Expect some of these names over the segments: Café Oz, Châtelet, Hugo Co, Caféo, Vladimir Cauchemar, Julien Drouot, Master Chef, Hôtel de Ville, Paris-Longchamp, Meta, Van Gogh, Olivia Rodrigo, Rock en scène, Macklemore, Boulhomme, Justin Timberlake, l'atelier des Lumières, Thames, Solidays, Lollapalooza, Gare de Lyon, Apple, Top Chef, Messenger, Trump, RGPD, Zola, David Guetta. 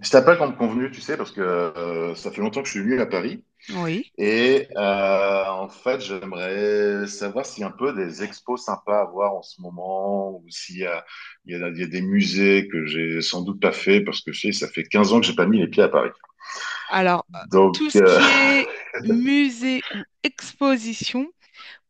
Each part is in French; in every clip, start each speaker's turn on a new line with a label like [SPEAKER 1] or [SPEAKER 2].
[SPEAKER 1] Je t'appelle comme convenu, tu sais, parce que ça fait longtemps que je suis venu à Paris.
[SPEAKER 2] Oui.
[SPEAKER 1] Et en fait, j'aimerais savoir s'il y a un peu des expos sympas à voir en ce moment, ou s'il y a, il y a- il y a des musées que j'ai sans doute pas fait, parce que je sais, ça fait 15 ans que j'ai pas mis les pieds à Paris.
[SPEAKER 2] Alors,
[SPEAKER 1] Donc,
[SPEAKER 2] tout ce qui est musée ou exposition,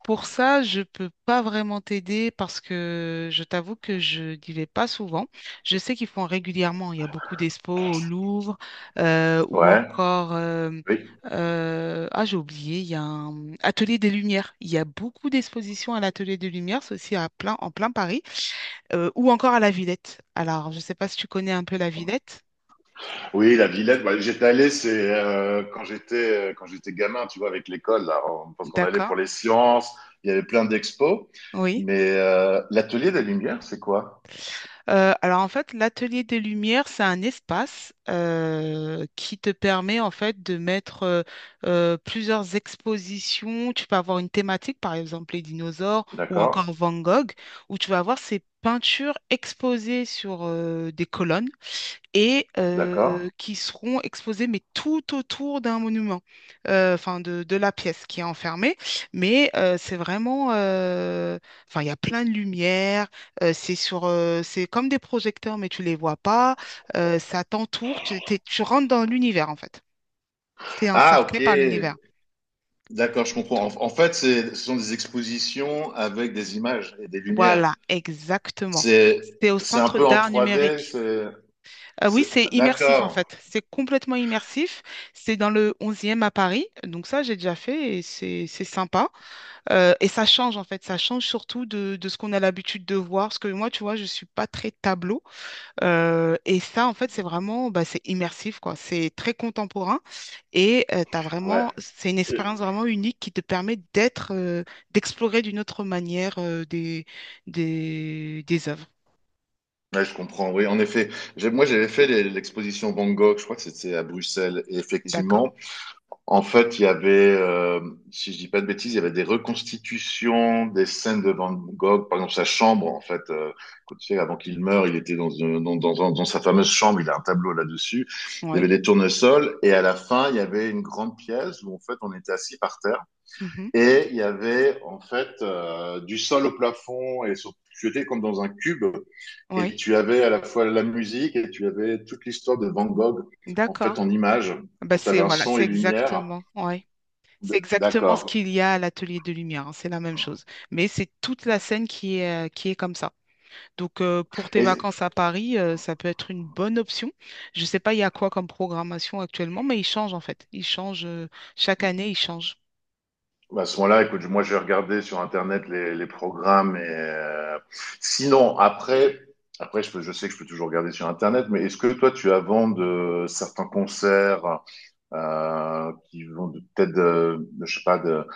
[SPEAKER 2] pour ça, je peux pas vraiment t'aider parce que je t'avoue que je n'y vais pas souvent. Je sais qu'ils font régulièrement. Il y a beaucoup d'expos au Louvre ou
[SPEAKER 1] ouais,
[SPEAKER 2] encore... euh,
[SPEAKER 1] oui.
[SPEAKER 2] euh, ah, j'ai oublié, il y a un atelier des Lumières. Il y a beaucoup d'expositions à l'atelier des Lumières, c'est aussi en plein Paris, ou encore à la Villette. Alors, je sais pas si tu connais un peu la Villette.
[SPEAKER 1] Oui, la Villette, bah, j'étais allé, c'est quand j'étais gamin, tu vois, avec l'école, là, on, parce qu'on allait
[SPEAKER 2] D'accord.
[SPEAKER 1] pour les sciences, il y avait plein d'expos.
[SPEAKER 2] Oui.
[SPEAKER 1] Mais l'atelier des Lumières, c'est quoi?
[SPEAKER 2] Alors en fait, l'atelier des lumières, c'est un espace qui te permet en fait de mettre plusieurs expositions. Tu peux avoir une thématique, par exemple les dinosaures ou
[SPEAKER 1] D'accord.
[SPEAKER 2] encore Van Gogh, où tu vas avoir ces peintures exposées sur des colonnes et
[SPEAKER 1] D'accord.
[SPEAKER 2] qui seront exposés mais tout autour d'un monument, enfin de la pièce qui est enfermée. Mais c'est vraiment, enfin il y a plein de lumière, c'est comme des projecteurs mais tu les vois pas, ça t'entoure, tu rentres dans l'univers en fait, tu es
[SPEAKER 1] Ah, ok.
[SPEAKER 2] encerclé par l'univers.
[SPEAKER 1] D'accord, je comprends. En fait, ce sont des expositions avec des images et des lumières.
[SPEAKER 2] Voilà, exactement. C'est au
[SPEAKER 1] C'est un
[SPEAKER 2] Centre
[SPEAKER 1] peu en
[SPEAKER 2] d'art
[SPEAKER 1] trois d
[SPEAKER 2] numérique.
[SPEAKER 1] c'est,
[SPEAKER 2] Oui, c'est immersif en
[SPEAKER 1] d'accord.
[SPEAKER 2] fait. C'est complètement immersif. C'est dans le 11 à Paris. Donc ça, j'ai déjà fait et c'est sympa. Et ça change en fait. Ça change surtout de ce qu'on a l'habitude de voir. Parce que moi, tu vois, je suis pas très tableau. Et ça, en fait, c'est vraiment, bah, c'est immersif quoi. C'est très contemporain et
[SPEAKER 1] Ouais.
[SPEAKER 2] c'est une
[SPEAKER 1] Euh,
[SPEAKER 2] expérience vraiment unique qui te permet d'être, d'explorer d'une autre manière des œuvres.
[SPEAKER 1] ouais, je comprends. Oui, en effet. Moi, j'avais fait l'exposition Van Gogh. Je crois que c'était à Bruxelles. Et
[SPEAKER 2] D'accord?
[SPEAKER 1] effectivement, en fait, il y avait, si je dis pas de bêtises, il y avait des reconstitutions des scènes de Van Gogh, par exemple sa chambre, en fait, quand tu sais, avant qu'il meure, il était dans, une- dans, dans, dans dans sa fameuse chambre, il a un tableau là-dessus, il y avait
[SPEAKER 2] Oui.
[SPEAKER 1] des tournesols, et à la fin, il y avait une grande pièce où, en fait, on était assis par terre,
[SPEAKER 2] Mhm.
[SPEAKER 1] et il y avait, en fait, du sol au plafond, tu étais comme dans un cube, et
[SPEAKER 2] Oui.
[SPEAKER 1] tu avais à la fois la musique, et tu avais toute l'histoire de Van Gogh, en fait,
[SPEAKER 2] D'accord.
[SPEAKER 1] en images,
[SPEAKER 2] Bah
[SPEAKER 1] donc tu
[SPEAKER 2] c'est
[SPEAKER 1] avais un
[SPEAKER 2] voilà,
[SPEAKER 1] son
[SPEAKER 2] c'est
[SPEAKER 1] et lumière.
[SPEAKER 2] exactement, ouais. C'est exactement ce
[SPEAKER 1] D'accord.
[SPEAKER 2] qu'il y a à l'atelier de lumière, hein, c'est la même chose. Mais c'est toute la scène qui est comme ça. Donc pour tes
[SPEAKER 1] Et
[SPEAKER 2] vacances à Paris, ça peut être une bonne option. Je ne sais pas il y a quoi comme programmation actuellement, mais il change en fait. Il change chaque année, il change.
[SPEAKER 1] bah, à ce moment-là, écoute, moi, je vais regarder sur Internet les programmes. Et, sinon, après, après je sais que je peux toujours regarder sur Internet, mais est-ce que toi, tu as vent de certains concerts qui vont peut-être je sais pas, de,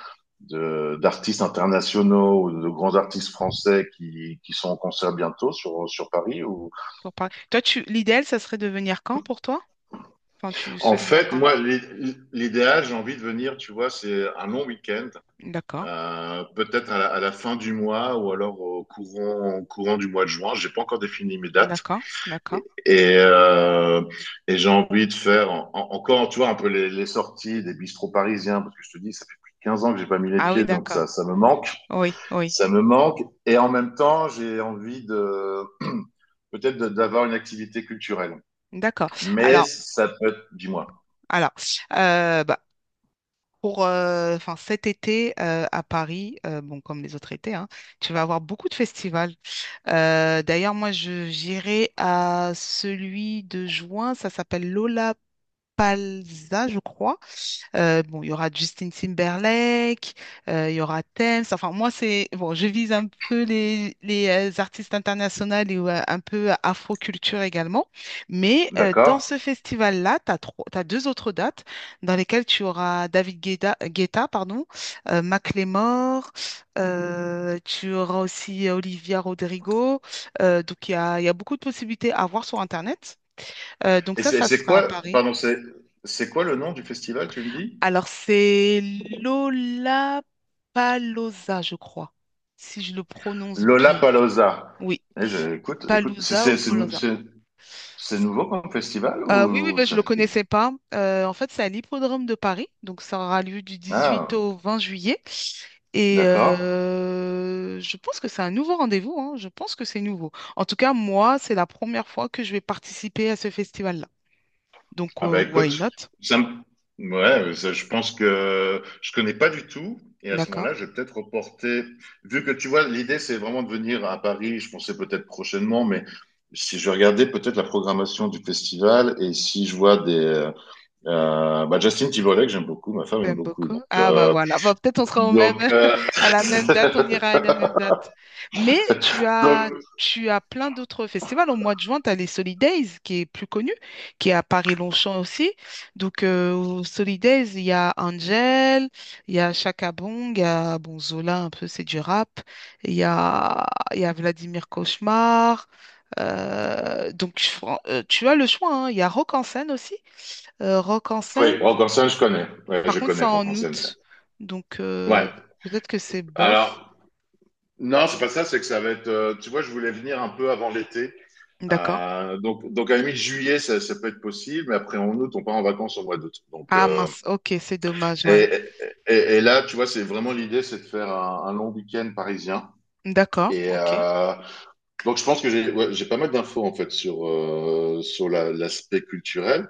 [SPEAKER 1] de- d'artistes internationaux ou de grands artistes français qui sont en concert bientôt sur, sur Paris ou...
[SPEAKER 2] Pour Paris. Toi, tu l'idéal, ça serait de venir quand pour toi? Enfin, tu
[SPEAKER 1] En
[SPEAKER 2] souhaites venir
[SPEAKER 1] fait,
[SPEAKER 2] quand?
[SPEAKER 1] moi, l'idéal, j'ai envie de venir, tu vois, c'est un long week-end.
[SPEAKER 2] D'accord,
[SPEAKER 1] Peut-être à à la fin du mois ou alors au courant du mois de juin. J'ai pas encore défini mes dates
[SPEAKER 2] d'accord, d'accord.
[SPEAKER 1] et, et, euh, et j'ai envie de faire encore, tu vois, un peu les sorties des bistrots parisiens parce que je te dis, ça fait plus de 15 ans que j'ai pas mis les
[SPEAKER 2] Ah oui,
[SPEAKER 1] pieds, donc
[SPEAKER 2] d'accord.
[SPEAKER 1] ça me manque,
[SPEAKER 2] Oui, oui,
[SPEAKER 1] ça me manque. Et en même temps, j'ai envie de peut-être d'avoir une activité culturelle.
[SPEAKER 2] d'accord.
[SPEAKER 1] Mais
[SPEAKER 2] Alors,
[SPEAKER 1] ça peut être, dis-moi,
[SPEAKER 2] alors, bah, pour enfin, cet été à Paris, bon, comme les autres étés, hein, tu vas avoir beaucoup de festivals. D'ailleurs, moi, je j'irai à celui de juin, ça s'appelle Lollapalooza, je crois. Bon, il y aura Justin Timberlake, il y aura Thames. Enfin, moi, c'est bon, je vise un peu les artistes internationaux et ouais, un peu afro-culture également. Mais dans
[SPEAKER 1] d'accord?
[SPEAKER 2] ce festival-là, t'as deux autres dates dans lesquelles tu auras David Guetta, Guetta, pardon, Macklemore, tu auras aussi Olivia Rodrigo. Donc, il y a beaucoup de possibilités à voir sur Internet. Donc,
[SPEAKER 1] Et
[SPEAKER 2] ça,
[SPEAKER 1] c'est
[SPEAKER 2] ça
[SPEAKER 1] c'est
[SPEAKER 2] sera à
[SPEAKER 1] quoi,
[SPEAKER 2] Paris.
[SPEAKER 1] pardon, c'est quoi le nom du festival, tu me dis?
[SPEAKER 2] Alors, c'est Lola Paloza, je crois, si je le prononce bien.
[SPEAKER 1] Lollapalooza.
[SPEAKER 2] Oui,
[SPEAKER 1] Eh, écoute, écoute,
[SPEAKER 2] Palouza ou Paloza.
[SPEAKER 1] c'est nouveau comme festival
[SPEAKER 2] Oui, oui,
[SPEAKER 1] ou
[SPEAKER 2] ben, je ne
[SPEAKER 1] ça
[SPEAKER 2] le
[SPEAKER 1] fait...
[SPEAKER 2] connaissais pas. En fait, c'est à l'Hippodrome de Paris, donc ça aura lieu du 18
[SPEAKER 1] Ah,
[SPEAKER 2] au 20 juillet. Et
[SPEAKER 1] d'accord.
[SPEAKER 2] je pense que c'est un nouveau rendez-vous, hein. Je pense que c'est nouveau. En tout cas, moi, c'est la première fois que je vais participer à ce festival-là. Donc,
[SPEAKER 1] Ah bah
[SPEAKER 2] why
[SPEAKER 1] écoute,
[SPEAKER 2] not?
[SPEAKER 1] ça me- ouais, ça, je pense que je connais pas du tout. Et à ce
[SPEAKER 2] D'accord.
[SPEAKER 1] moment-là, je vais peut-être reporter. Vu que tu vois, l'idée, c'est vraiment de venir à Paris. Je pensais peut-être prochainement, mais si je regardais peut-être la programmation du festival et si je vois des, bah, Justin Timberlake, j'aime beaucoup, ma femme aime
[SPEAKER 2] Tu
[SPEAKER 1] beaucoup.
[SPEAKER 2] beaucoup?
[SPEAKER 1] Donc,
[SPEAKER 2] Ah bah voilà, bah, peut-être on sera au même,
[SPEAKER 1] donc, euh,
[SPEAKER 2] à la même date, on ira à la même date. Mais
[SPEAKER 1] donc,
[SPEAKER 2] tu as plein d'autres festivals. Au mois de juin, tu as les Solidays, qui est plus connu, qui est à Paris-Longchamp aussi. Donc aux Solidays, il y a Angel, il y a Chaka Bong, il y a bon, Zola, un peu, c'est du rap. Il y a, il y a Vladimir Cauchemar. Donc tu as le choix, hein. Il y a Rock en scène aussi. Rock en
[SPEAKER 1] oui,
[SPEAKER 2] scène.
[SPEAKER 1] Rock en scène, je connais. Ouais,
[SPEAKER 2] Par
[SPEAKER 1] je
[SPEAKER 2] contre, c'est
[SPEAKER 1] connais
[SPEAKER 2] en
[SPEAKER 1] Rock en scène.
[SPEAKER 2] août, donc
[SPEAKER 1] Ouais.
[SPEAKER 2] peut-être que c'est bof.
[SPEAKER 1] Alors, non, c'est pas ça, c'est que ça va être. Euh, tu vois, je voulais venir un peu avant l'été.
[SPEAKER 2] D'accord.
[SPEAKER 1] Donc, à la mi-juillet, ça peut être possible, mais après, en août, on part en vacances au mois d'août. Donc,
[SPEAKER 2] Ah mince, ok, c'est dommage,
[SPEAKER 1] et,
[SPEAKER 2] ouais.
[SPEAKER 1] et là, tu vois, c'est vraiment l'idée, c'est de faire un long week-end parisien.
[SPEAKER 2] D'accord,
[SPEAKER 1] Et
[SPEAKER 2] ok.
[SPEAKER 1] donc, je pense que j'ai ouais, j'ai pas mal d'infos, en fait, sur, sur l'aspect culturel.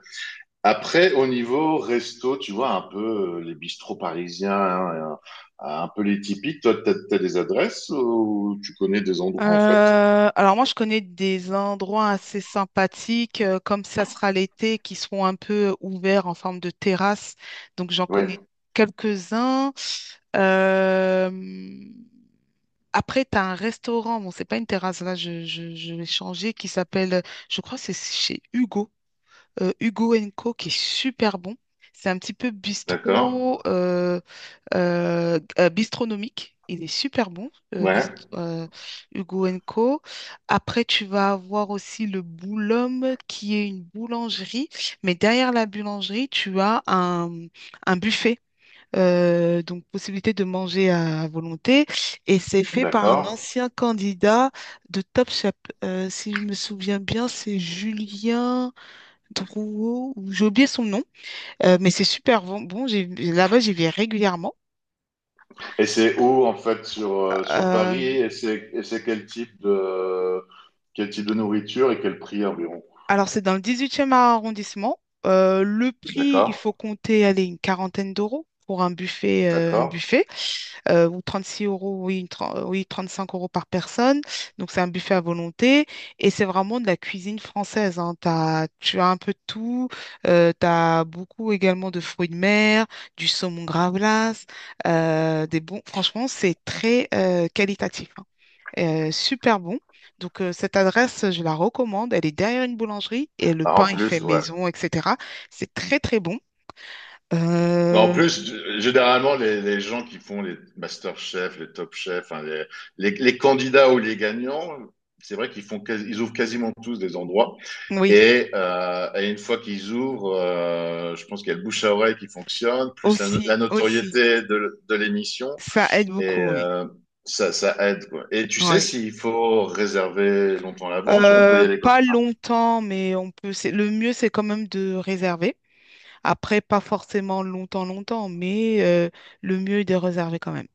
[SPEAKER 1] Après, au niveau resto, tu vois, un peu les bistrots parisiens, hein, et un peu les typiques, toi, t'as des adresses ou tu connais des endroits, en fait?
[SPEAKER 2] Alors moi, je connais des endroits assez sympathiques, comme ça sera l'été, qui seront un peu ouverts en forme de terrasse. Donc j'en
[SPEAKER 1] Oui,
[SPEAKER 2] connais quelques-uns. Euh, après, tu as un restaurant, bon, c'est pas une terrasse, là, je vais changer, qui s'appelle, je crois que c'est chez Hugo, Hugo Co qui est super bon. C'est un petit peu
[SPEAKER 1] d'accord.
[SPEAKER 2] bistrot, bistronomique. Il est super bon,
[SPEAKER 1] Ouais,
[SPEAKER 2] Hugo Co. Après, tu vas avoir aussi le Boulhomme, qui est une boulangerie. Mais derrière la boulangerie, tu as un buffet. Donc, possibilité de manger à volonté. Et c'est fait par un
[SPEAKER 1] d'accord.
[SPEAKER 2] ancien candidat de Top Chef. Si je me souviens bien, c'est Julien. Drouot, ou j'ai oublié son nom, mais c'est super bon. Bon, là-bas, j'y vais régulièrement.
[SPEAKER 1] Et c'est où, en fait, sur, sur
[SPEAKER 2] Euh,
[SPEAKER 1] Paris? Et c'est quel type de nourriture et quel prix environ?
[SPEAKER 2] Alors, c'est dans le 18e arrondissement. Le prix, il
[SPEAKER 1] D'accord,
[SPEAKER 2] faut compter, allez, une quarantaine d'euros pour un buffet,
[SPEAKER 1] d'accord.
[SPEAKER 2] ou 6 euros, oui, oui, 5 euros par personne. Donc, c'est un buffet à volonté et c'est vraiment de la cuisine française, hein. Tu as un peu de tout. Tu as beaucoup également de fruits de mer, du saumon gravlax, des bons. Franchement, c'est très qualitatif, hein. Super bon. Donc, cette adresse, je la recommande. Elle est derrière une boulangerie et le
[SPEAKER 1] Ah,
[SPEAKER 2] pain,
[SPEAKER 1] en
[SPEAKER 2] il fait
[SPEAKER 1] plus, ouais,
[SPEAKER 2] maison, etc. C'est très, très bon.
[SPEAKER 1] bon, en
[SPEAKER 2] Euh,
[SPEAKER 1] plus, généralement, les gens qui font les Master Chef, les Top Chef, enfin, les candidats ou les gagnants, c'est vrai qu'ils font, ils ouvrent quasiment tous des endroits.
[SPEAKER 2] oui,
[SPEAKER 1] Et une fois qu'ils ouvrent, je pense qu'il y a le bouche à oreille qui fonctionne, plus la, la
[SPEAKER 2] aussi, aussi.
[SPEAKER 1] notoriété de l'émission,
[SPEAKER 2] Ça aide
[SPEAKER 1] et
[SPEAKER 2] beaucoup, oui.
[SPEAKER 1] euh, ça, ça aide, quoi. Et tu sais
[SPEAKER 2] Ouais.
[SPEAKER 1] s'il faut réserver longtemps à l'avance ou on peut y aller comme...
[SPEAKER 2] Pas
[SPEAKER 1] ça?
[SPEAKER 2] longtemps, mais on peut. Le mieux, c'est quand même de réserver. Après, pas forcément longtemps, longtemps, mais le mieux est de réserver quand même.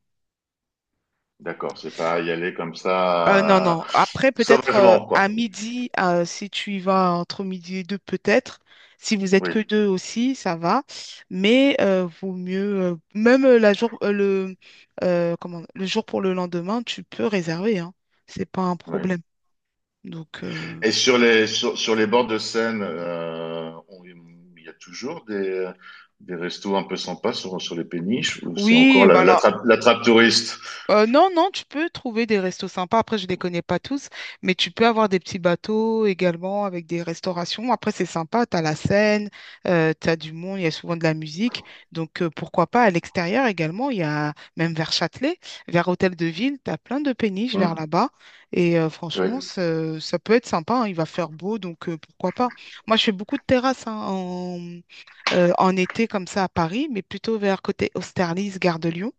[SPEAKER 1] D'accord, c'est pas y aller comme
[SPEAKER 2] Non,
[SPEAKER 1] ça,
[SPEAKER 2] non. Après, peut-être
[SPEAKER 1] sauvagement,
[SPEAKER 2] à
[SPEAKER 1] quoi.
[SPEAKER 2] midi, si tu y vas entre midi et deux, peut-être. Si vous êtes
[SPEAKER 1] Oui,
[SPEAKER 2] que deux aussi, ça va. Mais vaut mieux, même la jour, le, comment, le jour pour le lendemain, tu peux réserver, hein. C'est pas un problème.
[SPEAKER 1] oui.
[SPEAKER 2] Donc,
[SPEAKER 1] Et sur les, sur, sur les bords de Seine, il y a toujours des restos un peu sympas sur, sur les péniches, ou c'est encore
[SPEAKER 2] oui, bah là.
[SPEAKER 1] la trappe touriste?
[SPEAKER 2] Non, non, tu peux trouver des restos sympas. Après, je ne les connais pas tous, mais tu peux avoir des petits bateaux également avec des restaurations. Après, c'est sympa, tu as la Seine, tu as du monde, il y a souvent de la musique. Donc, pourquoi pas à l'extérieur également, il y a même vers Châtelet, vers Hôtel de Ville, tu as plein de péniches vers
[SPEAKER 1] Hmm,
[SPEAKER 2] là-bas. Et franchement,
[SPEAKER 1] oui,
[SPEAKER 2] ça peut être sympa, hein, il va faire beau, donc pourquoi pas. Moi, je fais beaucoup de terrasses hein, en été comme ça à Paris, mais plutôt vers côté Austerlitz, Gare de Lyon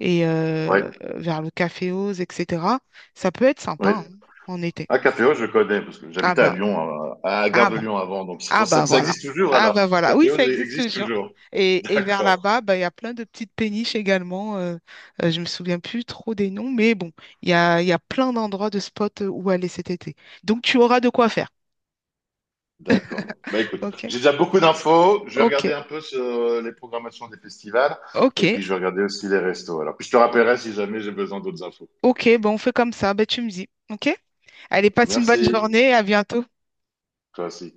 [SPEAKER 2] et
[SPEAKER 1] oui,
[SPEAKER 2] vers le Café Oz, etc. Ça peut être sympa
[SPEAKER 1] oui.
[SPEAKER 2] hein, en été.
[SPEAKER 1] Ah, Caféo, je connais, parce que
[SPEAKER 2] Ah
[SPEAKER 1] j'habitais à
[SPEAKER 2] bah,
[SPEAKER 1] Lyon, à Gare
[SPEAKER 2] ah
[SPEAKER 1] de
[SPEAKER 2] bah,
[SPEAKER 1] Lyon avant, donc c'est
[SPEAKER 2] ah
[SPEAKER 1] pour ça
[SPEAKER 2] bah
[SPEAKER 1] que ça
[SPEAKER 2] voilà.
[SPEAKER 1] existe toujours,
[SPEAKER 2] Ah
[SPEAKER 1] alors.
[SPEAKER 2] bah voilà. Oui,
[SPEAKER 1] Caféo
[SPEAKER 2] ça existe
[SPEAKER 1] existe
[SPEAKER 2] toujours.
[SPEAKER 1] toujours.
[SPEAKER 2] Et, vers
[SPEAKER 1] D'accord,
[SPEAKER 2] là-bas, bah, il y a plein de petites péniches également. Je me souviens plus trop des noms, mais bon, il y a plein d'endroits de spots où aller cet été. Donc tu auras de quoi faire.
[SPEAKER 1] d'accord. Bah écoute,
[SPEAKER 2] OK.
[SPEAKER 1] j'ai déjà beaucoup d'infos, je vais
[SPEAKER 2] OK.
[SPEAKER 1] regarder un peu sur les programmations des festivals, et
[SPEAKER 2] OK.
[SPEAKER 1] puis je vais regarder aussi les restos. Alors, puis je te rappellerai si jamais j'ai besoin d'autres infos.
[SPEAKER 2] OK. Bon, on fait comme ça. Bah, tu me dis. OK? Allez, passe une bonne
[SPEAKER 1] Merci.
[SPEAKER 2] journée. À bientôt.
[SPEAKER 1] Classique